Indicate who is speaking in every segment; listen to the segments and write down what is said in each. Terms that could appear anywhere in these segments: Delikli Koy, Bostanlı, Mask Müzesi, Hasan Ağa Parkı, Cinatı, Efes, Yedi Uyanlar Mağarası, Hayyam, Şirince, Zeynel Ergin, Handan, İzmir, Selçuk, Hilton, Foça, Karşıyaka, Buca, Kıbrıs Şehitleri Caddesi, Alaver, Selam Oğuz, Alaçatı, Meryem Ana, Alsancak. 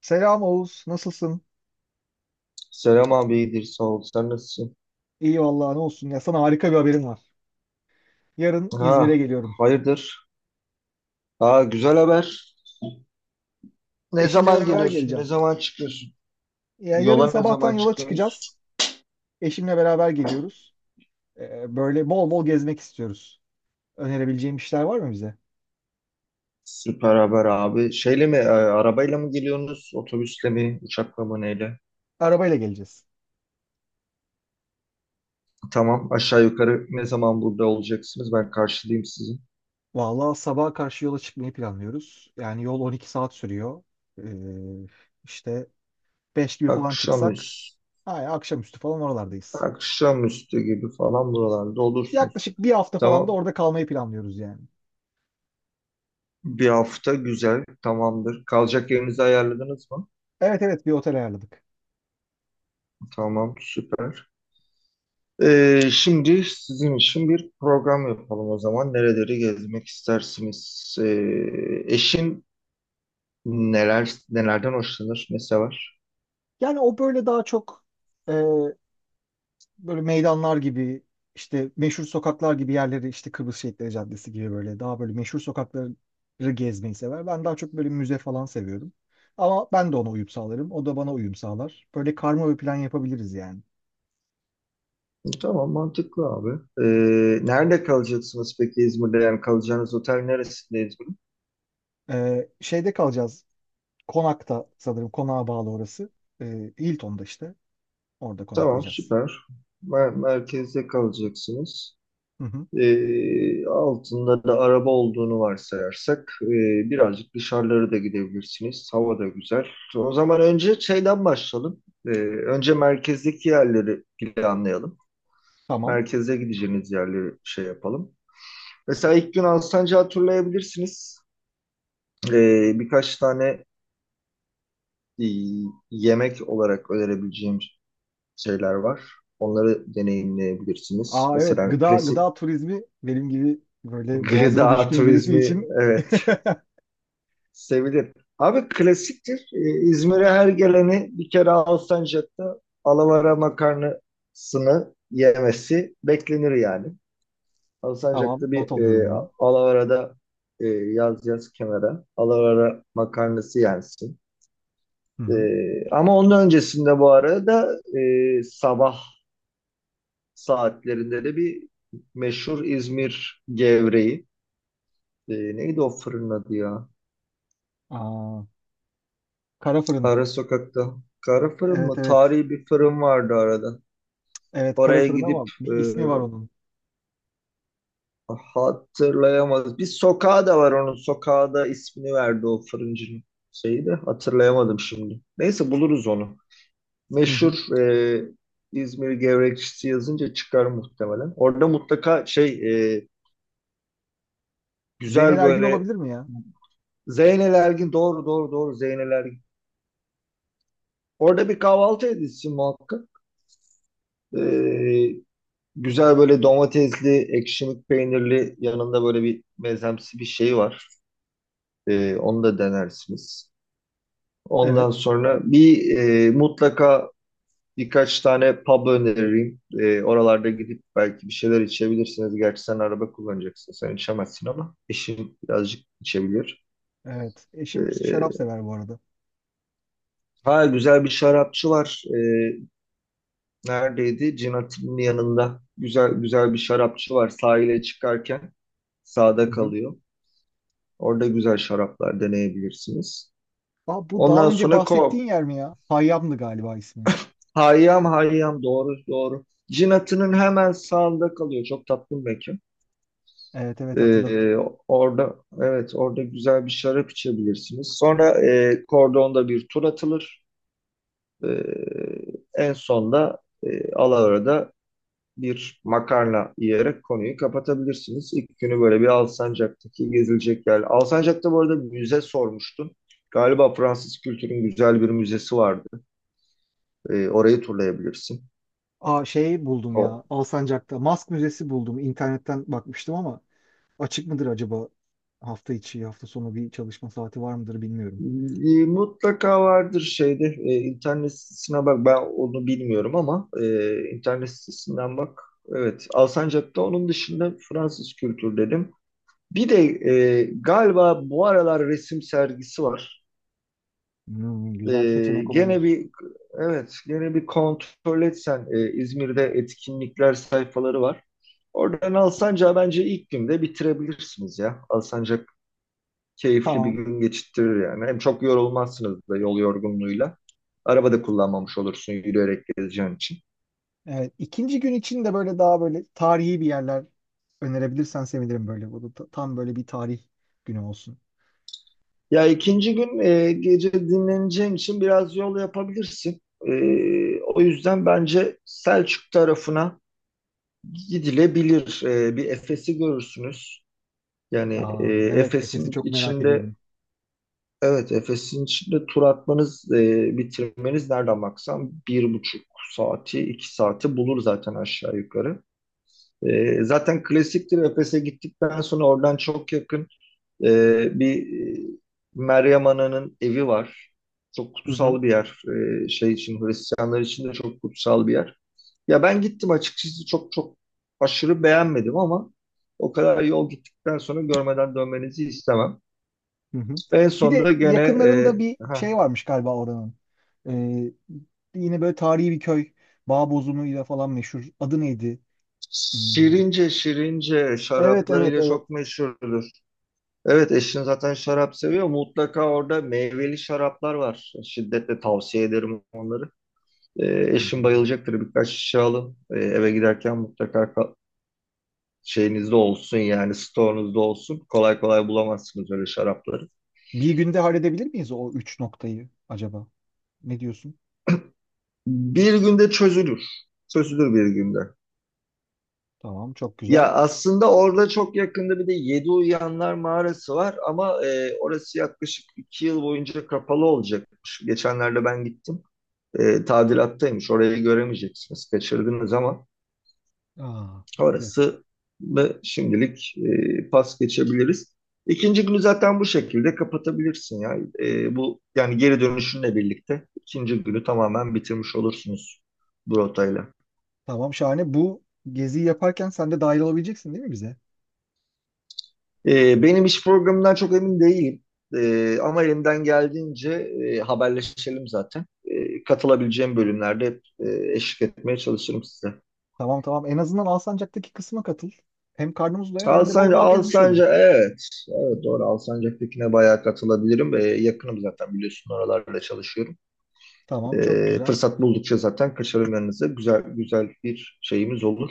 Speaker 1: Selam Oğuz, nasılsın?
Speaker 2: Selam abi iyidir sağ ol. Sen nasılsın?
Speaker 1: İyi vallahi ne olsun ya, sana harika bir haberim var. Yarın İzmir'e
Speaker 2: Ha,
Speaker 1: geliyorum.
Speaker 2: hayırdır? Ha, güzel haber. Ne
Speaker 1: Eşimle
Speaker 2: zaman
Speaker 1: beraber
Speaker 2: geliyorsun? Ne
Speaker 1: geleceğim.
Speaker 2: zaman çıkıyorsun?
Speaker 1: Ya yarın
Speaker 2: Yola ne
Speaker 1: sabahtan
Speaker 2: zaman
Speaker 1: yola
Speaker 2: çıkıyorsunuz?
Speaker 1: çıkacağız. Eşimle beraber geliyoruz. Böyle bol bol gezmek istiyoruz. Önerebileceğim işler var mı bize?
Speaker 2: Süper haber abi. Şeyle mi, arabayla mı geliyorsunuz? Otobüsle mi, uçakla mı, neyle?
Speaker 1: Arabayla geleceğiz.
Speaker 2: Tamam, aşağı yukarı ne zaman burada olacaksınız? Ben karşılayayım sizi.
Speaker 1: Vallahi sabaha karşı yola çıkmayı planlıyoruz. Yani yol 12 saat sürüyor. Ee, işte 5 gibi falan çıksak,
Speaker 2: Akşamüstü,
Speaker 1: ay, akşamüstü falan oralardayız.
Speaker 2: Akşamüstü gibi falan buralarda olursunuz.
Speaker 1: Yaklaşık bir hafta falan da
Speaker 2: Tamam.
Speaker 1: orada kalmayı planlıyoruz yani.
Speaker 2: Bir hafta güzel, tamamdır. Kalacak yerinizi ayarladınız mı?
Speaker 1: Evet, evet, bir otel ayarladık.
Speaker 2: Tamam, süper. Şimdi sizin için bir program yapalım o zaman. Nereleri gezmek istersiniz? Eşin nelerden hoşlanır? Ne sever?
Speaker 1: Yani o böyle daha çok e, böyle meydanlar gibi, işte meşhur sokaklar gibi yerleri, işte Kıbrıs Şehitleri Caddesi gibi, böyle daha böyle meşhur sokakları gezmeyi sever. Ben daha çok böyle müze falan seviyorum. Ama ben de ona uyum sağlarım, o da bana uyum sağlar. Böyle karma bir plan yapabiliriz yani.
Speaker 2: Tamam, mantıklı abi. Nerede kalacaksınız peki İzmir'de? Yani kalacağınız otel neresinde İzmir'in?
Speaker 1: Şeyde kalacağız. Konakta sanırım, konağa bağlı orası. Hilton'da işte. Orada
Speaker 2: Tamam,
Speaker 1: konaklayacağız.
Speaker 2: süper. Merkezde kalacaksınız.
Speaker 1: Hı hı.
Speaker 2: Altında da araba olduğunu varsayarsak birazcık dışarılara da gidebilirsiniz. Hava da güzel. O zaman önce şeyden başlayalım. Önce merkezdeki yerleri planlayalım.
Speaker 1: Tamam.
Speaker 2: Merkeze gideceğiniz yerleri şey yapalım. Mesela ilk gün Alsancak'ı turlayabilirsiniz. Birkaç tane e, yemek olarak önerebileceğim şeyler var. Onları deneyimleyebilirsiniz.
Speaker 1: Aa evet,
Speaker 2: Mesela
Speaker 1: gıda
Speaker 2: klasik
Speaker 1: gıda turizmi benim gibi böyle boğazına
Speaker 2: gıda
Speaker 1: düşkün birisi
Speaker 2: turizmi,
Speaker 1: için
Speaker 2: evet, sevilir. Abi, klasiktir. İzmir'e her geleni bir kere Alsancak'ta alavara makarnasını yemesi beklenir yani.
Speaker 1: Tamam,
Speaker 2: Alsancak'ta
Speaker 1: not
Speaker 2: bir
Speaker 1: alıyorum
Speaker 2: e,
Speaker 1: bunu.
Speaker 2: alavarada, yaz yaz kenara, alavara makarnası yensin.
Speaker 1: Hı
Speaker 2: E,
Speaker 1: hı.
Speaker 2: Ama onun öncesinde bu arada, sabah saatlerinde de bir meşhur İzmir gevreği. Neydi o fırın adı ya?
Speaker 1: Aa, kara fırın.
Speaker 2: Ara sokakta. Kara fırın
Speaker 1: Evet,
Speaker 2: mı?
Speaker 1: evet.
Speaker 2: Tarihi bir fırın vardı arada.
Speaker 1: Evet, kara
Speaker 2: Oraya
Speaker 1: fırın ama
Speaker 2: gidip,
Speaker 1: bir ismi var onun.
Speaker 2: hatırlayamaz. Bir sokağı da var onun. Sokağa da ismini verdi o fırıncının şeyi de. Hatırlayamadım şimdi. Neyse, buluruz onu.
Speaker 1: Hı hı.
Speaker 2: Meşhur İzmir gevrekçisi yazınca çıkar muhtemelen. Orada mutlaka şey, e,
Speaker 1: Zeynel
Speaker 2: güzel
Speaker 1: Ergin
Speaker 2: böyle
Speaker 1: olabilir mi ya?
Speaker 2: Zeynel Ergin, doğru doğru doğru, Zeynel Ergin. Orada bir kahvaltı edilsin muhakkak. E, Güzel böyle domatesli, ekşimik peynirli, yanında böyle bir mezemsi bir şey var. Onu da denersiniz.
Speaker 1: Evet.
Speaker 2: Ondan sonra bir, mutlaka birkaç tane pub öneririm. Oralarda gidip belki bir şeyler içebilirsiniz. Gerçi sen araba kullanacaksın, sen içemezsin, ama eşin birazcık içebilir.
Speaker 1: Evet. Eşim şarap
Speaker 2: Ee,
Speaker 1: sever bu arada.
Speaker 2: ha, güzel bir şarapçı var. Neredeydi? Cinatinin yanında. Güzel güzel bir şarapçı var, sahile çıkarken sağda
Speaker 1: Hı hı.
Speaker 2: kalıyor. Orada güzel şaraplar deneyebilirsiniz.
Speaker 1: Aa, bu daha
Speaker 2: Ondan
Speaker 1: önce
Speaker 2: sonra ko.
Speaker 1: bahsettiğin yer mi ya? Hayyam'dı galiba ismi.
Speaker 2: Hayyam, Hayyam, doğru doğru. Cinatı'nın hemen sağında kalıyor. Çok tatlı bir mekan.
Speaker 1: Evet, evet, hatırladım.
Speaker 2: Ee, orada evet orada güzel bir şarap içebilirsiniz. Sonra, Kordon'da bir tur atılır. Ee, En sonda, Alaver'de bir makarna yiyerek konuyu kapatabilirsiniz. İlk günü böyle bir Alsancak'taki gezilecek yer. Alsancak'ta bu arada müze sormuştun. Galiba Fransız kültürün güzel bir müzesi vardı. Orayı turlayabilirsin.
Speaker 1: Aa şey buldum
Speaker 2: O,
Speaker 1: ya. Alsancak'ta Mask Müzesi buldum. İnternetten bakmıştım ama açık mıdır acaba? Hafta içi, hafta sonu bir çalışma saati var mıdır bilmiyorum.
Speaker 2: mutlaka vardır şeyde. İnternet sitesine bak, ben onu bilmiyorum, ama internet sitesinden bak. Evet, Alsancak'ta onun dışında Fransız kültür dedim. Bir de galiba bu aralar resim sergisi var.
Speaker 1: Hmm, güzel bir seçenek
Speaker 2: Gene
Speaker 1: olabilir.
Speaker 2: bir evet gene bir kontrol etsen, İzmir'de etkinlikler sayfaları var. Oradan Alsancak'a bence ilk günde bitirebilirsiniz ya. Alsancak keyifli bir
Speaker 1: Tamam.
Speaker 2: gün geçirtir yani. Hem çok yorulmazsınız da yol yorgunluğuyla. Araba da kullanmamış olursun yürüyerek gezeceğin için.
Speaker 1: Evet, ikinci gün için de böyle daha böyle tarihi bir yerler önerebilirsen sevinirim böyle. Bu da tam böyle bir tarih günü olsun.
Speaker 2: Ya, ikinci gün, gece dinleneceğin için biraz yol yapabilirsin. E, O yüzden bence Selçuk tarafına gidilebilir. Bir Efes'i görürsünüz. Yani,
Speaker 1: Aa, evet, Efes'i
Speaker 2: Efes'in
Speaker 1: çok merak
Speaker 2: içinde,
Speaker 1: ediyordum.
Speaker 2: evet, Efes'in içinde tur atmanız, bitirmeniz nereden baksan 1,5 saati, 2 saati bulur zaten aşağı yukarı. Zaten klasiktir, Efes'e gittikten sonra oradan çok yakın, bir, e, Meryem Ana'nın evi var. Çok
Speaker 1: Hı hı,
Speaker 2: kutsal bir yer. E, şey için Hristiyanlar için de çok kutsal bir yer. Ya, ben gittim açıkçası, çok çok aşırı beğenmedim, ama o kadar yol gittikten sonra görmeden dönmenizi istemem.
Speaker 1: hı hı.
Speaker 2: En
Speaker 1: Bir
Speaker 2: sonunda
Speaker 1: de
Speaker 2: gene,
Speaker 1: yakınlarında bir
Speaker 2: ha,
Speaker 1: şey varmış galiba oranın. Ee, Yine böyle tarihi bir köy. Bağbozumuyla falan meşhur. Adı neydi? Hmm,
Speaker 2: Şirince,
Speaker 1: evet, evet,
Speaker 2: şaraplarıyla
Speaker 1: evet.
Speaker 2: çok meşhurdur. Evet, eşin zaten şarap seviyor. Mutlaka orada meyveli şaraplar var. Şiddetle tavsiye ederim onları. E,
Speaker 1: Hı
Speaker 2: Eşin
Speaker 1: hı.
Speaker 2: bayılacaktır. Birkaç şişe alın. Eve giderken mutlaka şeyinizde olsun, yani stoğunuzda olsun. Kolay kolay bulamazsınız öyle şarapları.
Speaker 1: Bir günde halledebilir miyiz o üç noktayı acaba? Ne diyorsun?
Speaker 2: Bir günde çözülür. Çözülür bir günde.
Speaker 1: Tamam, çok güzel.
Speaker 2: Ya, aslında orada çok yakında bir de Yedi Uyanlar Mağarası var, ama orası yaklaşık 2 yıl boyunca kapalı olacakmış. Geçenlerde ben gittim. Tadilattaymış. Orayı göremeyeceksiniz. Kaçırdınız, ama
Speaker 1: Aa,
Speaker 2: orası da şimdilik pas geçebiliriz. İkinci günü zaten bu şekilde kapatabilirsin ya. Bu yani geri dönüşünle birlikte ikinci günü tamamen bitirmiş olursunuz bu rotayla.
Speaker 1: tamam şahane. Bu geziyi yaparken sen de dahil olabileceksin değil mi bize?
Speaker 2: Benim iş programından çok emin değilim. Ama elimden geldiğince, haberleşelim zaten. Katılabileceğim bölümlerde hep, eşlik etmeye çalışırım size.
Speaker 1: Tamam, tamam. En azından Alsancak'taki kısma katıl. Hem karnımız doyar hem de bol
Speaker 2: Alsancak,
Speaker 1: bol gezmiş oluruz.
Speaker 2: Alsancak, evet. Evet, doğru, Alsancak'takine bayağı katılabilirim. Yakınım zaten, biliyorsun oralarda çalışıyorum.
Speaker 1: Tamam, çok güzel.
Speaker 2: Fırsat buldukça zaten kaçarım yanınıza. Güzel güzel bir şeyimiz olur.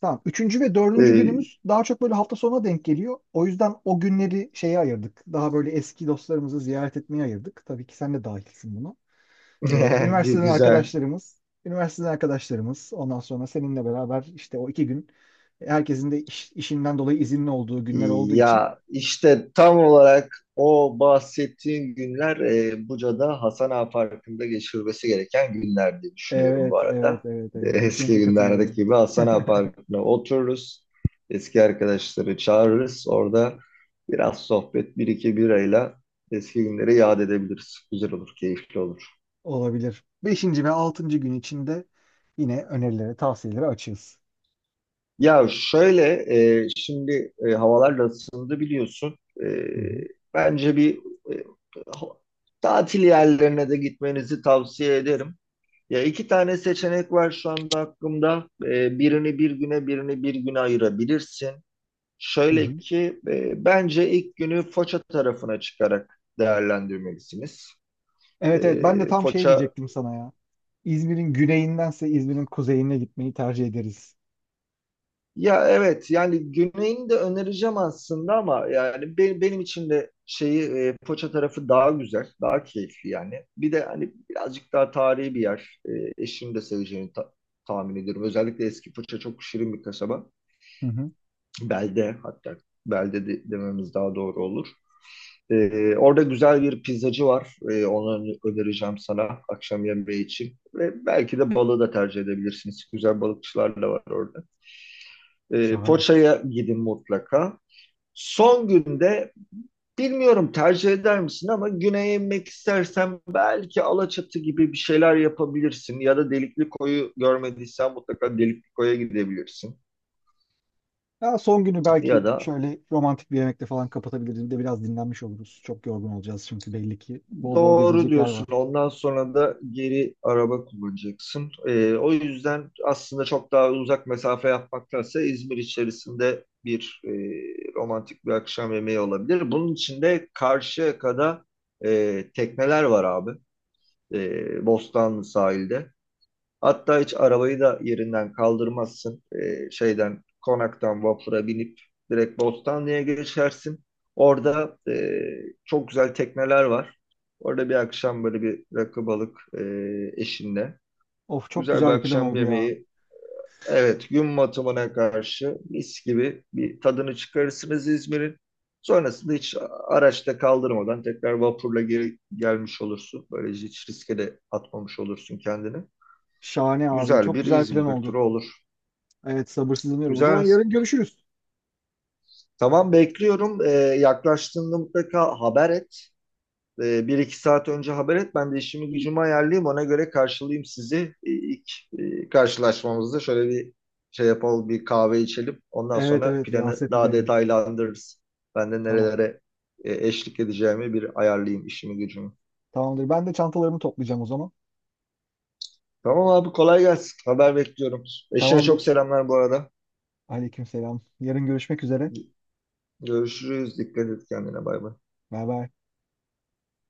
Speaker 1: Tamam. Üçüncü ve dördüncü
Speaker 2: Ee,
Speaker 1: günümüz daha çok böyle hafta sonuna denk geliyor. O yüzden o günleri şeye ayırdık. Daha böyle eski dostlarımızı ziyaret etmeye ayırdık. Tabii ki sen de dahilsin buna. Üniversiteden
Speaker 2: güzel.
Speaker 1: arkadaşlarımız, üniversiteden arkadaşlarımız. Ondan sonra seninle beraber işte o iki gün herkesin de işinden dolayı izinli olduğu günler olduğu için.
Speaker 2: Ya işte tam olarak o bahsettiğin günler, Buca'da Hasan Ağa Parkı'nda geçirilmesi gereken günler diye düşünüyorum bu
Speaker 1: Evet, evet,
Speaker 2: arada.
Speaker 1: evet, evet.
Speaker 2: Eski
Speaker 1: Kesinlikle
Speaker 2: günlerdeki
Speaker 1: katılıyorum.
Speaker 2: gibi Hasan Ağa Parkı'na otururuz. Eski arkadaşları çağırırız. Orada biraz sohbet, bir iki birayla eski günleri yad edebiliriz. Güzel olur, keyifli olur.
Speaker 1: Olabilir. Beşinci ve altıncı gün içinde yine önerileri, tavsiyeleri açığız.
Speaker 2: Ya şöyle, şimdi, havalar da ısındı biliyorsun. E,
Speaker 1: Hı hı.
Speaker 2: Bence bir, e, ha- tatil yerlerine de gitmenizi tavsiye ederim. Ya, iki tane seçenek var şu anda aklımda. Birini bir güne, birini bir güne ayırabilirsin.
Speaker 1: Hı
Speaker 2: Şöyle
Speaker 1: hı.
Speaker 2: ki, bence ilk günü Foça tarafına çıkarak değerlendirmelisiniz. E,
Speaker 1: Evet, evet. Ben de tam şey
Speaker 2: Foça
Speaker 1: diyecektim sana ya. İzmir'in güneyindense İzmir'in kuzeyine gitmeyi tercih ederiz.
Speaker 2: Ya, evet, yani Güney'ini de önereceğim aslında, ama yani, benim için de şeyi, Foça tarafı daha güzel, daha keyifli yani. Bir de hani birazcık daha tarihi bir yer. Eşim de seveceğini tahmin ediyorum. Özellikle eski Foça çok şirin bir kasaba.
Speaker 1: Hı hı.
Speaker 2: Belde, hatta belde dememiz daha doğru olur. Orada güzel bir pizzacı var. Onu önereceğim sana akşam yemeği için. Ve belki de balığı da tercih edebilirsiniz. Güzel balıkçılar da var orada.
Speaker 1: Şahane.
Speaker 2: Foça'ya gidin mutlaka. Son günde bilmiyorum tercih eder misin, ama güneye inmek istersen belki Alaçatı gibi bir şeyler yapabilirsin. Ya da Delikli Koyu görmediysen, mutlaka Delikli Koy'a gidebilirsin.
Speaker 1: Ya son günü
Speaker 2: Ya
Speaker 1: belki
Speaker 2: da
Speaker 1: şöyle romantik bir yemekle falan kapatabiliriz. Bir de biraz dinlenmiş oluruz. Çok yorgun olacağız çünkü, belli ki. Bol bol
Speaker 2: doğru
Speaker 1: gezilecek yer
Speaker 2: diyorsun,
Speaker 1: var.
Speaker 2: ondan sonra da geri araba kullanacaksın. O yüzden aslında çok daha uzak mesafe yapmaktansa İzmir içerisinde bir, romantik bir akşam yemeği olabilir. Bunun için de Karşıyaka'da, tekneler var abi. Bostanlı sahilde. Hatta hiç arabayı da yerinden kaldırmazsın. Şeyden, konaktan vapura binip direkt Bostanlı'ya geçersin. Orada, çok güzel tekneler var. Orada bir akşam böyle bir rakı balık, eşinle
Speaker 1: Of, çok
Speaker 2: güzel bir
Speaker 1: güzel bir plan
Speaker 2: akşam
Speaker 1: oldu ya.
Speaker 2: yemeği. Evet, gün batımına karşı mis gibi bir tadını çıkarırsınız İzmir'in. Sonrasında hiç araçta kaldırmadan tekrar vapurla geri gelmiş olursun. Böylece hiç riske de atmamış olursun kendini.
Speaker 1: Şahane abi.
Speaker 2: Güzel
Speaker 1: Çok
Speaker 2: bir
Speaker 1: güzel bir plan
Speaker 2: İzmir
Speaker 1: oldu.
Speaker 2: turu olur.
Speaker 1: Evet, sabırsızlanıyorum. O zaman
Speaker 2: Güzel.
Speaker 1: yarın görüşürüz.
Speaker 2: Tamam, bekliyorum. Yaklaştığında mutlaka haber et. Bir iki saat önce haber et. Ben de işimi gücümü ayarlayayım. Ona göre karşılayayım sizi. İlk karşılaşmamızda şöyle bir şey yapalım. Bir kahve içelim. Ondan
Speaker 1: Evet,
Speaker 2: sonra
Speaker 1: evet, bir
Speaker 2: planı
Speaker 1: hasret
Speaker 2: daha
Speaker 1: giderelim.
Speaker 2: detaylandırırız. Ben de
Speaker 1: Tamam.
Speaker 2: nerelere, eşlik edeceğimi bir ayarlayayım işimi gücümü.
Speaker 1: Tamamdır. Ben de çantalarımı toplayacağım o zaman.
Speaker 2: Tamam abi, kolay gelsin. Haber bekliyorum. Eşine çok
Speaker 1: Tamamdır.
Speaker 2: selamlar bu arada.
Speaker 1: Aleykümselam. Yarın görüşmek üzere.
Speaker 2: Görüşürüz. Dikkat et kendine. Bay bay.
Speaker 1: Bay bay.